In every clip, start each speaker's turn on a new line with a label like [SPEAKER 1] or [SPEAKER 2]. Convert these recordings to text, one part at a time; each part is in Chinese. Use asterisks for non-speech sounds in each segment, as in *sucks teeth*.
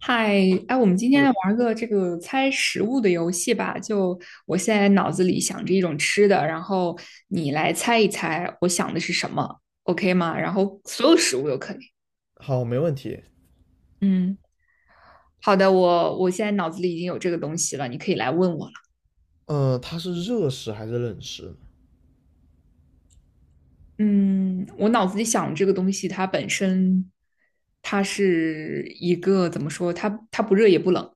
[SPEAKER 1] 嗨，哎，我们今天
[SPEAKER 2] 嗯，
[SPEAKER 1] 来玩个这个猜食物的游戏吧。就我现在脑子里想着一种吃的，然后你来猜一猜我想的是什么，OK 吗？然后所有食物都可以。
[SPEAKER 2] 好，没问题。
[SPEAKER 1] 嗯，好的，我现在脑子里已经有这个东西了，你可以来问我了。
[SPEAKER 2] 嗯，它是热食还是冷食呢？
[SPEAKER 1] 嗯，我脑子里想这个东西，它本身它是一个怎么说？它不热也不冷。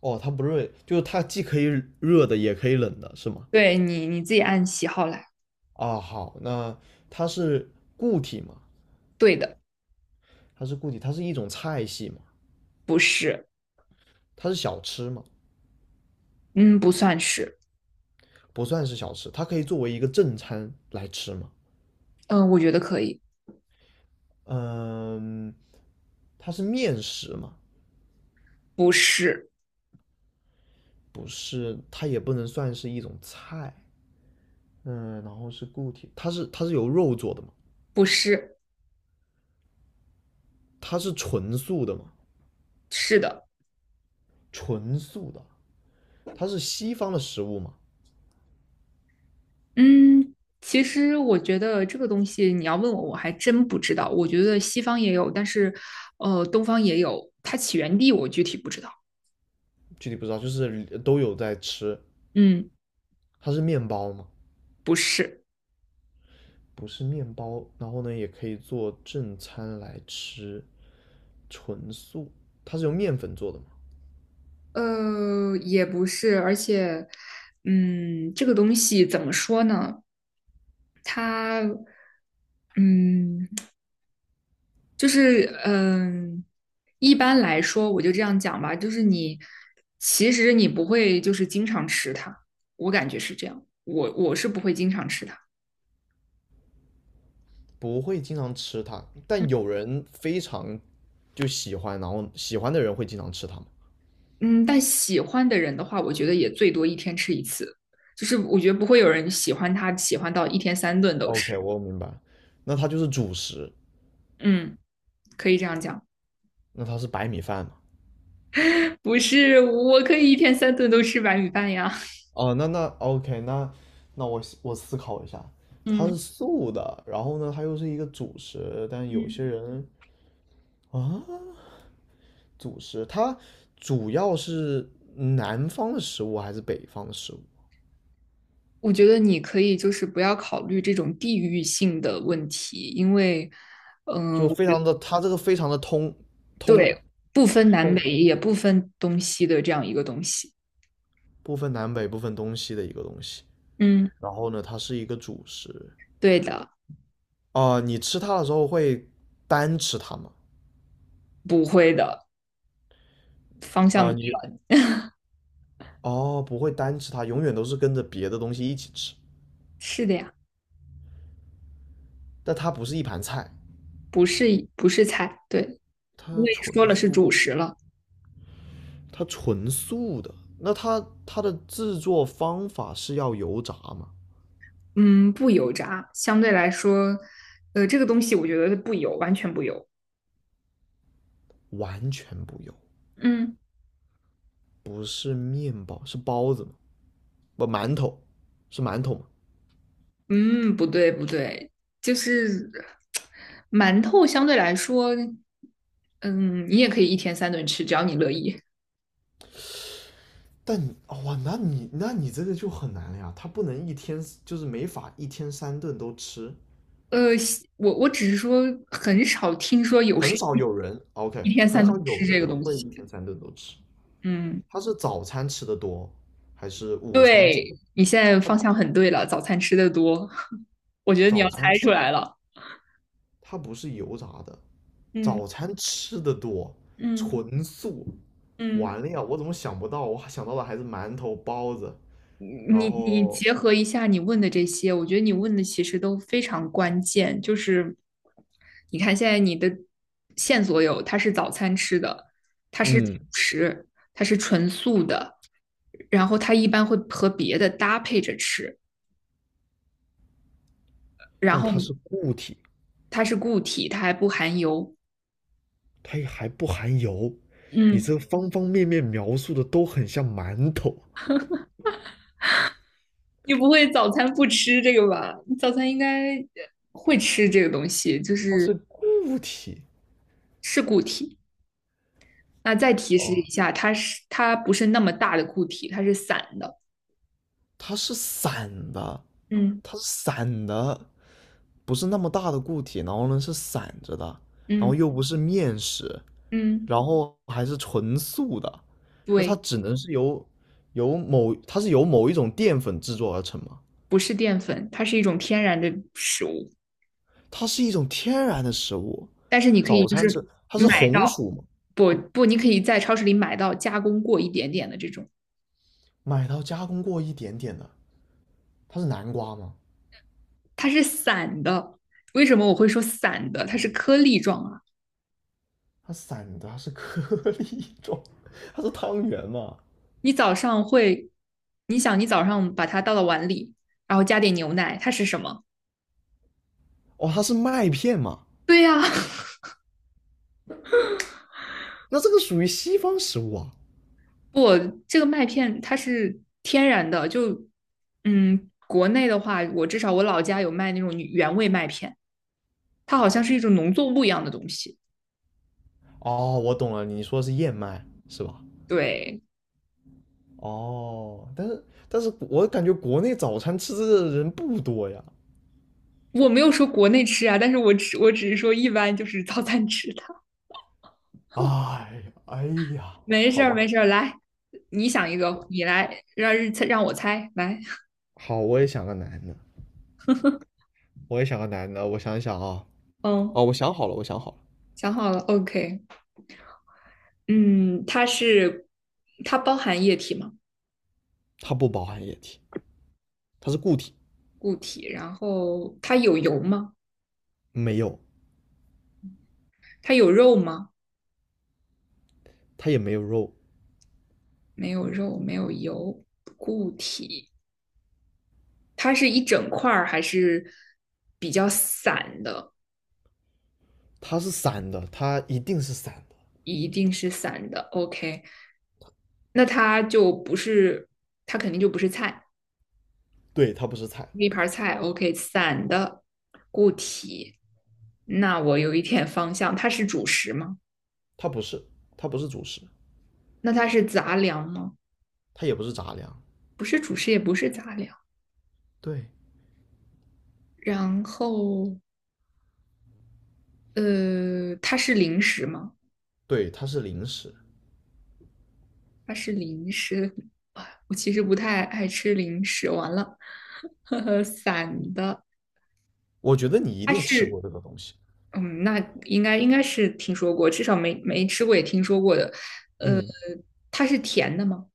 [SPEAKER 2] 哦，它不是，就是它既可以热的，也可以冷的，是吗？
[SPEAKER 1] *laughs* 对你自己按喜好来。
[SPEAKER 2] 啊，好，那它是固体嘛？
[SPEAKER 1] 对的。
[SPEAKER 2] 它是固体。它是一种菜系嘛？
[SPEAKER 1] 不是。
[SPEAKER 2] 它是小吃嘛？
[SPEAKER 1] 嗯，不算是。
[SPEAKER 2] 不算是小吃，它可以作为一个正餐来吃嘛？
[SPEAKER 1] 嗯，我觉得可以。
[SPEAKER 2] 嗯，它是面食嘛？
[SPEAKER 1] 不是。
[SPEAKER 2] 不是，它也不能算是一种菜。嗯，然后是固体，它是由肉做的嘛？
[SPEAKER 1] 不是。
[SPEAKER 2] 它是纯素的嘛？
[SPEAKER 1] 是的。
[SPEAKER 2] 纯素的。它是西方的食物嘛？
[SPEAKER 1] 嗯，其实我觉得这个东西你要问我，我还真不知道。我觉得西方也有，但是东方也有，它起源地我具体不知道。
[SPEAKER 2] 具体不知道，就是都有在吃。
[SPEAKER 1] 嗯，
[SPEAKER 2] 它是面包嘛？
[SPEAKER 1] 不是。
[SPEAKER 2] 不是面包，然后呢，也可以做正餐来吃，纯素。它是由面粉做的嘛？
[SPEAKER 1] 也不是，而且，这个东西怎么说呢？它，嗯，就是一般来说，我就这样讲吧，就是你其实你不会就是经常吃它，我感觉是这样，我是不会经常吃它。
[SPEAKER 2] 不会经常吃它，
[SPEAKER 1] 嗯。
[SPEAKER 2] 但有人非常就喜欢，然后喜欢的人会经常吃它嘛
[SPEAKER 1] 嗯，但喜欢的人的话，我觉得也最多一天吃一次，就是我觉得不会有人喜欢它，喜欢到一天三顿都吃。
[SPEAKER 2] ？OK，我明白。那它就是主食。
[SPEAKER 1] 嗯，可以这样讲。
[SPEAKER 2] 那它是白米饭嘛？
[SPEAKER 1] *laughs* 不是，我可以一天三顿都吃白米饭呀。
[SPEAKER 2] 哦，那 OK，那我思考一下。它是
[SPEAKER 1] 嗯。
[SPEAKER 2] 素的，然后呢，它又是一个主食，但有些
[SPEAKER 1] 嗯。
[SPEAKER 2] 人主食，它主要是南方的食物还是北方的食物？
[SPEAKER 1] 我觉得你可以就是不要考虑这种地域性的问题，因为，
[SPEAKER 2] 就
[SPEAKER 1] 我
[SPEAKER 2] 非
[SPEAKER 1] 觉得
[SPEAKER 2] 常的，它这个非常的通通
[SPEAKER 1] 对，不分南
[SPEAKER 2] 通，
[SPEAKER 1] 北也不分东西的这样一个东西。
[SPEAKER 2] 不分南北，不分东西的一个东西。
[SPEAKER 1] 嗯。
[SPEAKER 2] 然后呢，它是一个主食。
[SPEAKER 1] 对的。
[SPEAKER 2] 啊、你吃它的时候会单吃它吗？
[SPEAKER 1] 不会的。方向
[SPEAKER 2] 啊、
[SPEAKER 1] 对。
[SPEAKER 2] 你哦不会单吃它，永远都是跟着别的东西一起吃，
[SPEAKER 1] 是的呀。
[SPEAKER 2] 但它不是一盘菜。
[SPEAKER 1] 不是，不是菜，对。因
[SPEAKER 2] 它
[SPEAKER 1] 为说
[SPEAKER 2] 纯
[SPEAKER 1] 了是
[SPEAKER 2] 素。
[SPEAKER 1] 主食了。
[SPEAKER 2] 它纯素的。那它的制作方法是要油炸吗？
[SPEAKER 1] 嗯，不油炸，相对来说，这个东西我觉得不油，完全不油。
[SPEAKER 2] 完全不油，
[SPEAKER 1] 嗯。
[SPEAKER 2] 是面包，是包子吗？不，馒头，是馒头吗？
[SPEAKER 1] 嗯，不对不对，就是馒头相对来说，嗯，你也可以一天三顿吃，只要你乐意。
[SPEAKER 2] 但哇，那你这个就很难了呀，它不能一天就是没法一天三顿都吃。
[SPEAKER 1] 呃，我只是说很少听说有
[SPEAKER 2] 很
[SPEAKER 1] 谁
[SPEAKER 2] 少有人 OK，
[SPEAKER 1] 一天三
[SPEAKER 2] 很少
[SPEAKER 1] 顿
[SPEAKER 2] 有
[SPEAKER 1] 吃这个
[SPEAKER 2] 人
[SPEAKER 1] 东
[SPEAKER 2] 会
[SPEAKER 1] 西。
[SPEAKER 2] 一天三顿都吃。
[SPEAKER 1] 嗯。
[SPEAKER 2] 它是早餐吃的多，还是午餐吃的？
[SPEAKER 1] 对，你现在方向很对了，早餐吃的多。*laughs* 我觉得你要
[SPEAKER 2] 早餐
[SPEAKER 1] 猜出
[SPEAKER 2] 吃，
[SPEAKER 1] 来了。
[SPEAKER 2] 它不是油炸的，
[SPEAKER 1] 嗯。
[SPEAKER 2] 早餐吃的多，
[SPEAKER 1] 嗯。
[SPEAKER 2] 纯素。
[SPEAKER 1] 嗯。
[SPEAKER 2] 完了呀，我怎么想不到？我还想到的还是馒头、包子。然
[SPEAKER 1] 你
[SPEAKER 2] 后
[SPEAKER 1] 结合一下你问的这些，我觉得你问的其实都非常关键。就是你看现在你的线索有，它是早餐吃的，
[SPEAKER 2] 嗯，
[SPEAKER 1] 吃，它是纯素的，然后它一般会和别的搭配着吃，然
[SPEAKER 2] 但
[SPEAKER 1] 后
[SPEAKER 2] 它是固体，
[SPEAKER 1] 它是固体，它还不含油。
[SPEAKER 2] 它也还不含油。你
[SPEAKER 1] 嗯，
[SPEAKER 2] 这方方面面描述的都很像馒头。
[SPEAKER 1] 你不会早餐不吃这个吧？你早餐应该会吃这个东西，就
[SPEAKER 2] 它是
[SPEAKER 1] 是
[SPEAKER 2] 固体。
[SPEAKER 1] 是固体。那再提示
[SPEAKER 2] 哦，
[SPEAKER 1] 一下，它是它不是那么大的固体，它是散的。
[SPEAKER 2] 它是散的。
[SPEAKER 1] 嗯。
[SPEAKER 2] 它是散的，不是那么大的固体，然后呢是散着的，然
[SPEAKER 1] 嗯。
[SPEAKER 2] 后又不是面食，
[SPEAKER 1] 嗯。
[SPEAKER 2] 然后还是纯素的。那
[SPEAKER 1] 对，
[SPEAKER 2] 它只能是由某一种淀粉制作而成嘛？
[SPEAKER 1] 不是淀粉，它是一种天然的食物。
[SPEAKER 2] 它是一种天然的食物。
[SPEAKER 1] 但是你可以
[SPEAKER 2] 早
[SPEAKER 1] 就
[SPEAKER 2] 餐
[SPEAKER 1] 是
[SPEAKER 2] 吃它，是
[SPEAKER 1] 买
[SPEAKER 2] 红
[SPEAKER 1] 到，
[SPEAKER 2] 薯嘛？
[SPEAKER 1] 不不，你可以在超市里买到加工过一点点的这种，
[SPEAKER 2] 买到加工过一点点的，它是南瓜吗？
[SPEAKER 1] 它是散的。为什么我会说散的？它是颗粒状啊。
[SPEAKER 2] 它散的，它是颗粒状。它是汤圆嘛？
[SPEAKER 1] 你早上会，你想你早上把它倒到碗里，然后加点牛奶，它是什么？
[SPEAKER 2] 哦，它是麦片嘛？
[SPEAKER 1] 对呀、啊
[SPEAKER 2] 那这个属于西方食物啊？
[SPEAKER 1] 不，这个麦片它是天然的，就国内的话，我至少我老家有卖那种原味麦片，它好像是一种农作物一样的东西。
[SPEAKER 2] 哦，我懂了，你说的是燕麦是吧？
[SPEAKER 1] 对，
[SPEAKER 2] 哦，但是我感觉国内早餐吃这个的人不多呀。
[SPEAKER 1] 我没有说国内吃啊，但是我只我只是说一般就是早餐吃它。
[SPEAKER 2] 哎呀，哎呀，
[SPEAKER 1] *laughs* 没事
[SPEAKER 2] 好
[SPEAKER 1] 儿，
[SPEAKER 2] 吧。
[SPEAKER 1] 没事儿，来，你想一个，你来让让我猜，来，
[SPEAKER 2] 好，我也想个男的，我也想个男的，我想一想啊。
[SPEAKER 1] 嗯，
[SPEAKER 2] 哦，我想好了，我想好了。
[SPEAKER 1] 想好了，OK,嗯，它是它包含液体吗？
[SPEAKER 2] 它不包含液体，它是固体。
[SPEAKER 1] 固体，然后它有油吗？
[SPEAKER 2] 没有。
[SPEAKER 1] 它有肉吗？
[SPEAKER 2] 它也没有肉。
[SPEAKER 1] 没有肉，没有油，固体。它是一整块儿还是比较散的？
[SPEAKER 2] 它是散的，它一定是散的。
[SPEAKER 1] 一定是散的。OK,那它就不是，它肯定就不是菜，
[SPEAKER 2] 对，它不是菜。
[SPEAKER 1] 一盘菜。OK,散的固体。那我有一点方向，它是主食吗？
[SPEAKER 2] 它不是，它不是主食。
[SPEAKER 1] 那它是杂粮吗？
[SPEAKER 2] 它也不是杂粮。
[SPEAKER 1] 不是主食，也不是杂粮。
[SPEAKER 2] 对。
[SPEAKER 1] 然后，它是零食吗？
[SPEAKER 2] 对，它是零食。
[SPEAKER 1] 它是零食，我其实不太爱吃零食。完了。*laughs* 呵呵，散的，
[SPEAKER 2] 我觉得你一
[SPEAKER 1] 它
[SPEAKER 2] 定吃
[SPEAKER 1] 是，
[SPEAKER 2] 过这个东西。
[SPEAKER 1] 嗯，那应该应该是听说过，至少没没吃过也听说过的。呃，
[SPEAKER 2] 嗯，
[SPEAKER 1] 它是甜的吗？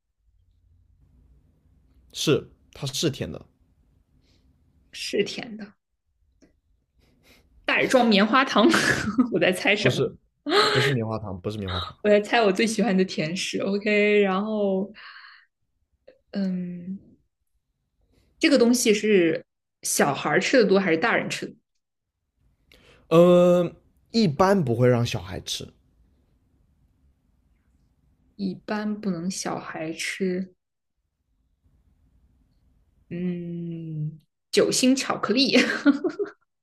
[SPEAKER 2] 是，它是甜的。
[SPEAKER 1] 是甜的，袋装棉花糖。*laughs* 我在猜什
[SPEAKER 2] 不
[SPEAKER 1] 么？
[SPEAKER 2] 是，不是棉花糖，不是棉花糖。
[SPEAKER 1] 我在猜我最喜欢的甜食。OK,然后，嗯，这个东西是小孩儿吃的多还是大人吃的？
[SPEAKER 2] 呃，一般不会让小孩吃。
[SPEAKER 1] 一般不能小孩吃。嗯，酒心巧克力，*laughs*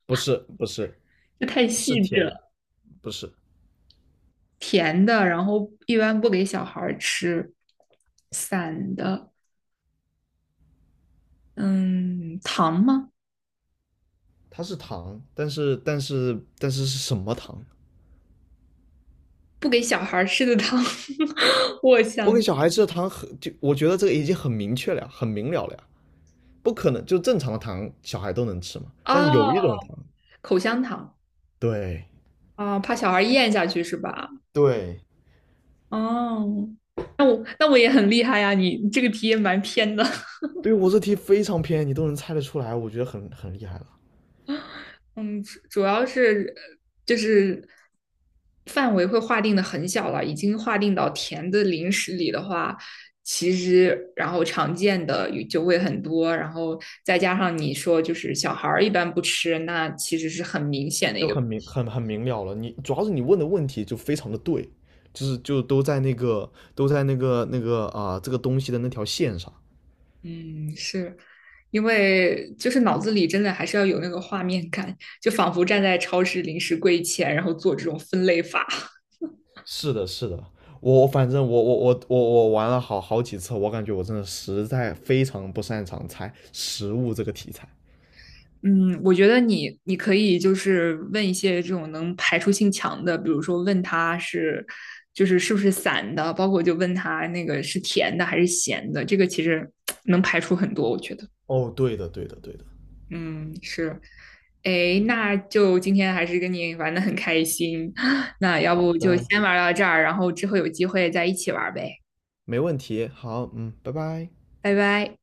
[SPEAKER 2] 不是不是，
[SPEAKER 1] 这太
[SPEAKER 2] 是
[SPEAKER 1] 细致
[SPEAKER 2] 甜的，
[SPEAKER 1] 了。
[SPEAKER 2] 不是。
[SPEAKER 1] 甜的，然后一般不给小孩儿吃。散的，嗯，糖吗？
[SPEAKER 2] 它是糖，但是是什么糖？
[SPEAKER 1] 不给小孩儿吃的糖。*laughs* 我
[SPEAKER 2] 我给
[SPEAKER 1] 想
[SPEAKER 2] 小孩吃的糖很就，我觉得这个已经很明确了呀，很明了了呀。不可能就正常的糖小孩都能吃嘛，但有一
[SPEAKER 1] 啊，
[SPEAKER 2] 种糖。
[SPEAKER 1] 口香糖
[SPEAKER 2] 对
[SPEAKER 1] 啊，怕小孩儿咽下去是吧？
[SPEAKER 2] 对
[SPEAKER 1] 哦，那我那我也很厉害呀，你这个题也蛮偏的。
[SPEAKER 2] 对。我这题非常偏，你都能猜得出来，我觉得很厉害了。
[SPEAKER 1] 嗯，主主要是就是范围会划定的很小了，已经划定到甜的零食里的话，其实然后常见的也就会很多，然后再加上你说就是小孩儿一般不吃，那其实是很明显的一
[SPEAKER 2] 就
[SPEAKER 1] 个。
[SPEAKER 2] 很明了了，你主要是你问的问题就非常的对，就是都在那个这个东西的那条线上。
[SPEAKER 1] 嗯，是因为就是脑子里真的还是要有那个画面感，就仿佛站在超市零食柜前，然后做这种分类法。
[SPEAKER 2] 是的，是的。我反正我玩了好几次。我感觉我真的实在非常不擅长猜食物这个题材。
[SPEAKER 1] 嗯，我觉得你你可以就是问一些这种能排除性强的，比如说问他是就是是不是散的，包括就问他那个是甜的还是咸的，这个其实 *tsk* 能排除很多，我觉得。
[SPEAKER 2] 哦，对的，对的，对的。
[SPEAKER 1] 嗯，是。诶，那就今天还是跟你玩的很开心，*laughs* *sucks teeth* 那要
[SPEAKER 2] 好
[SPEAKER 1] 不就
[SPEAKER 2] 的，
[SPEAKER 1] 先玩到这儿，然后之后有机会再一起玩呗，
[SPEAKER 2] 没问题。好，嗯，拜拜。
[SPEAKER 1] 拜拜。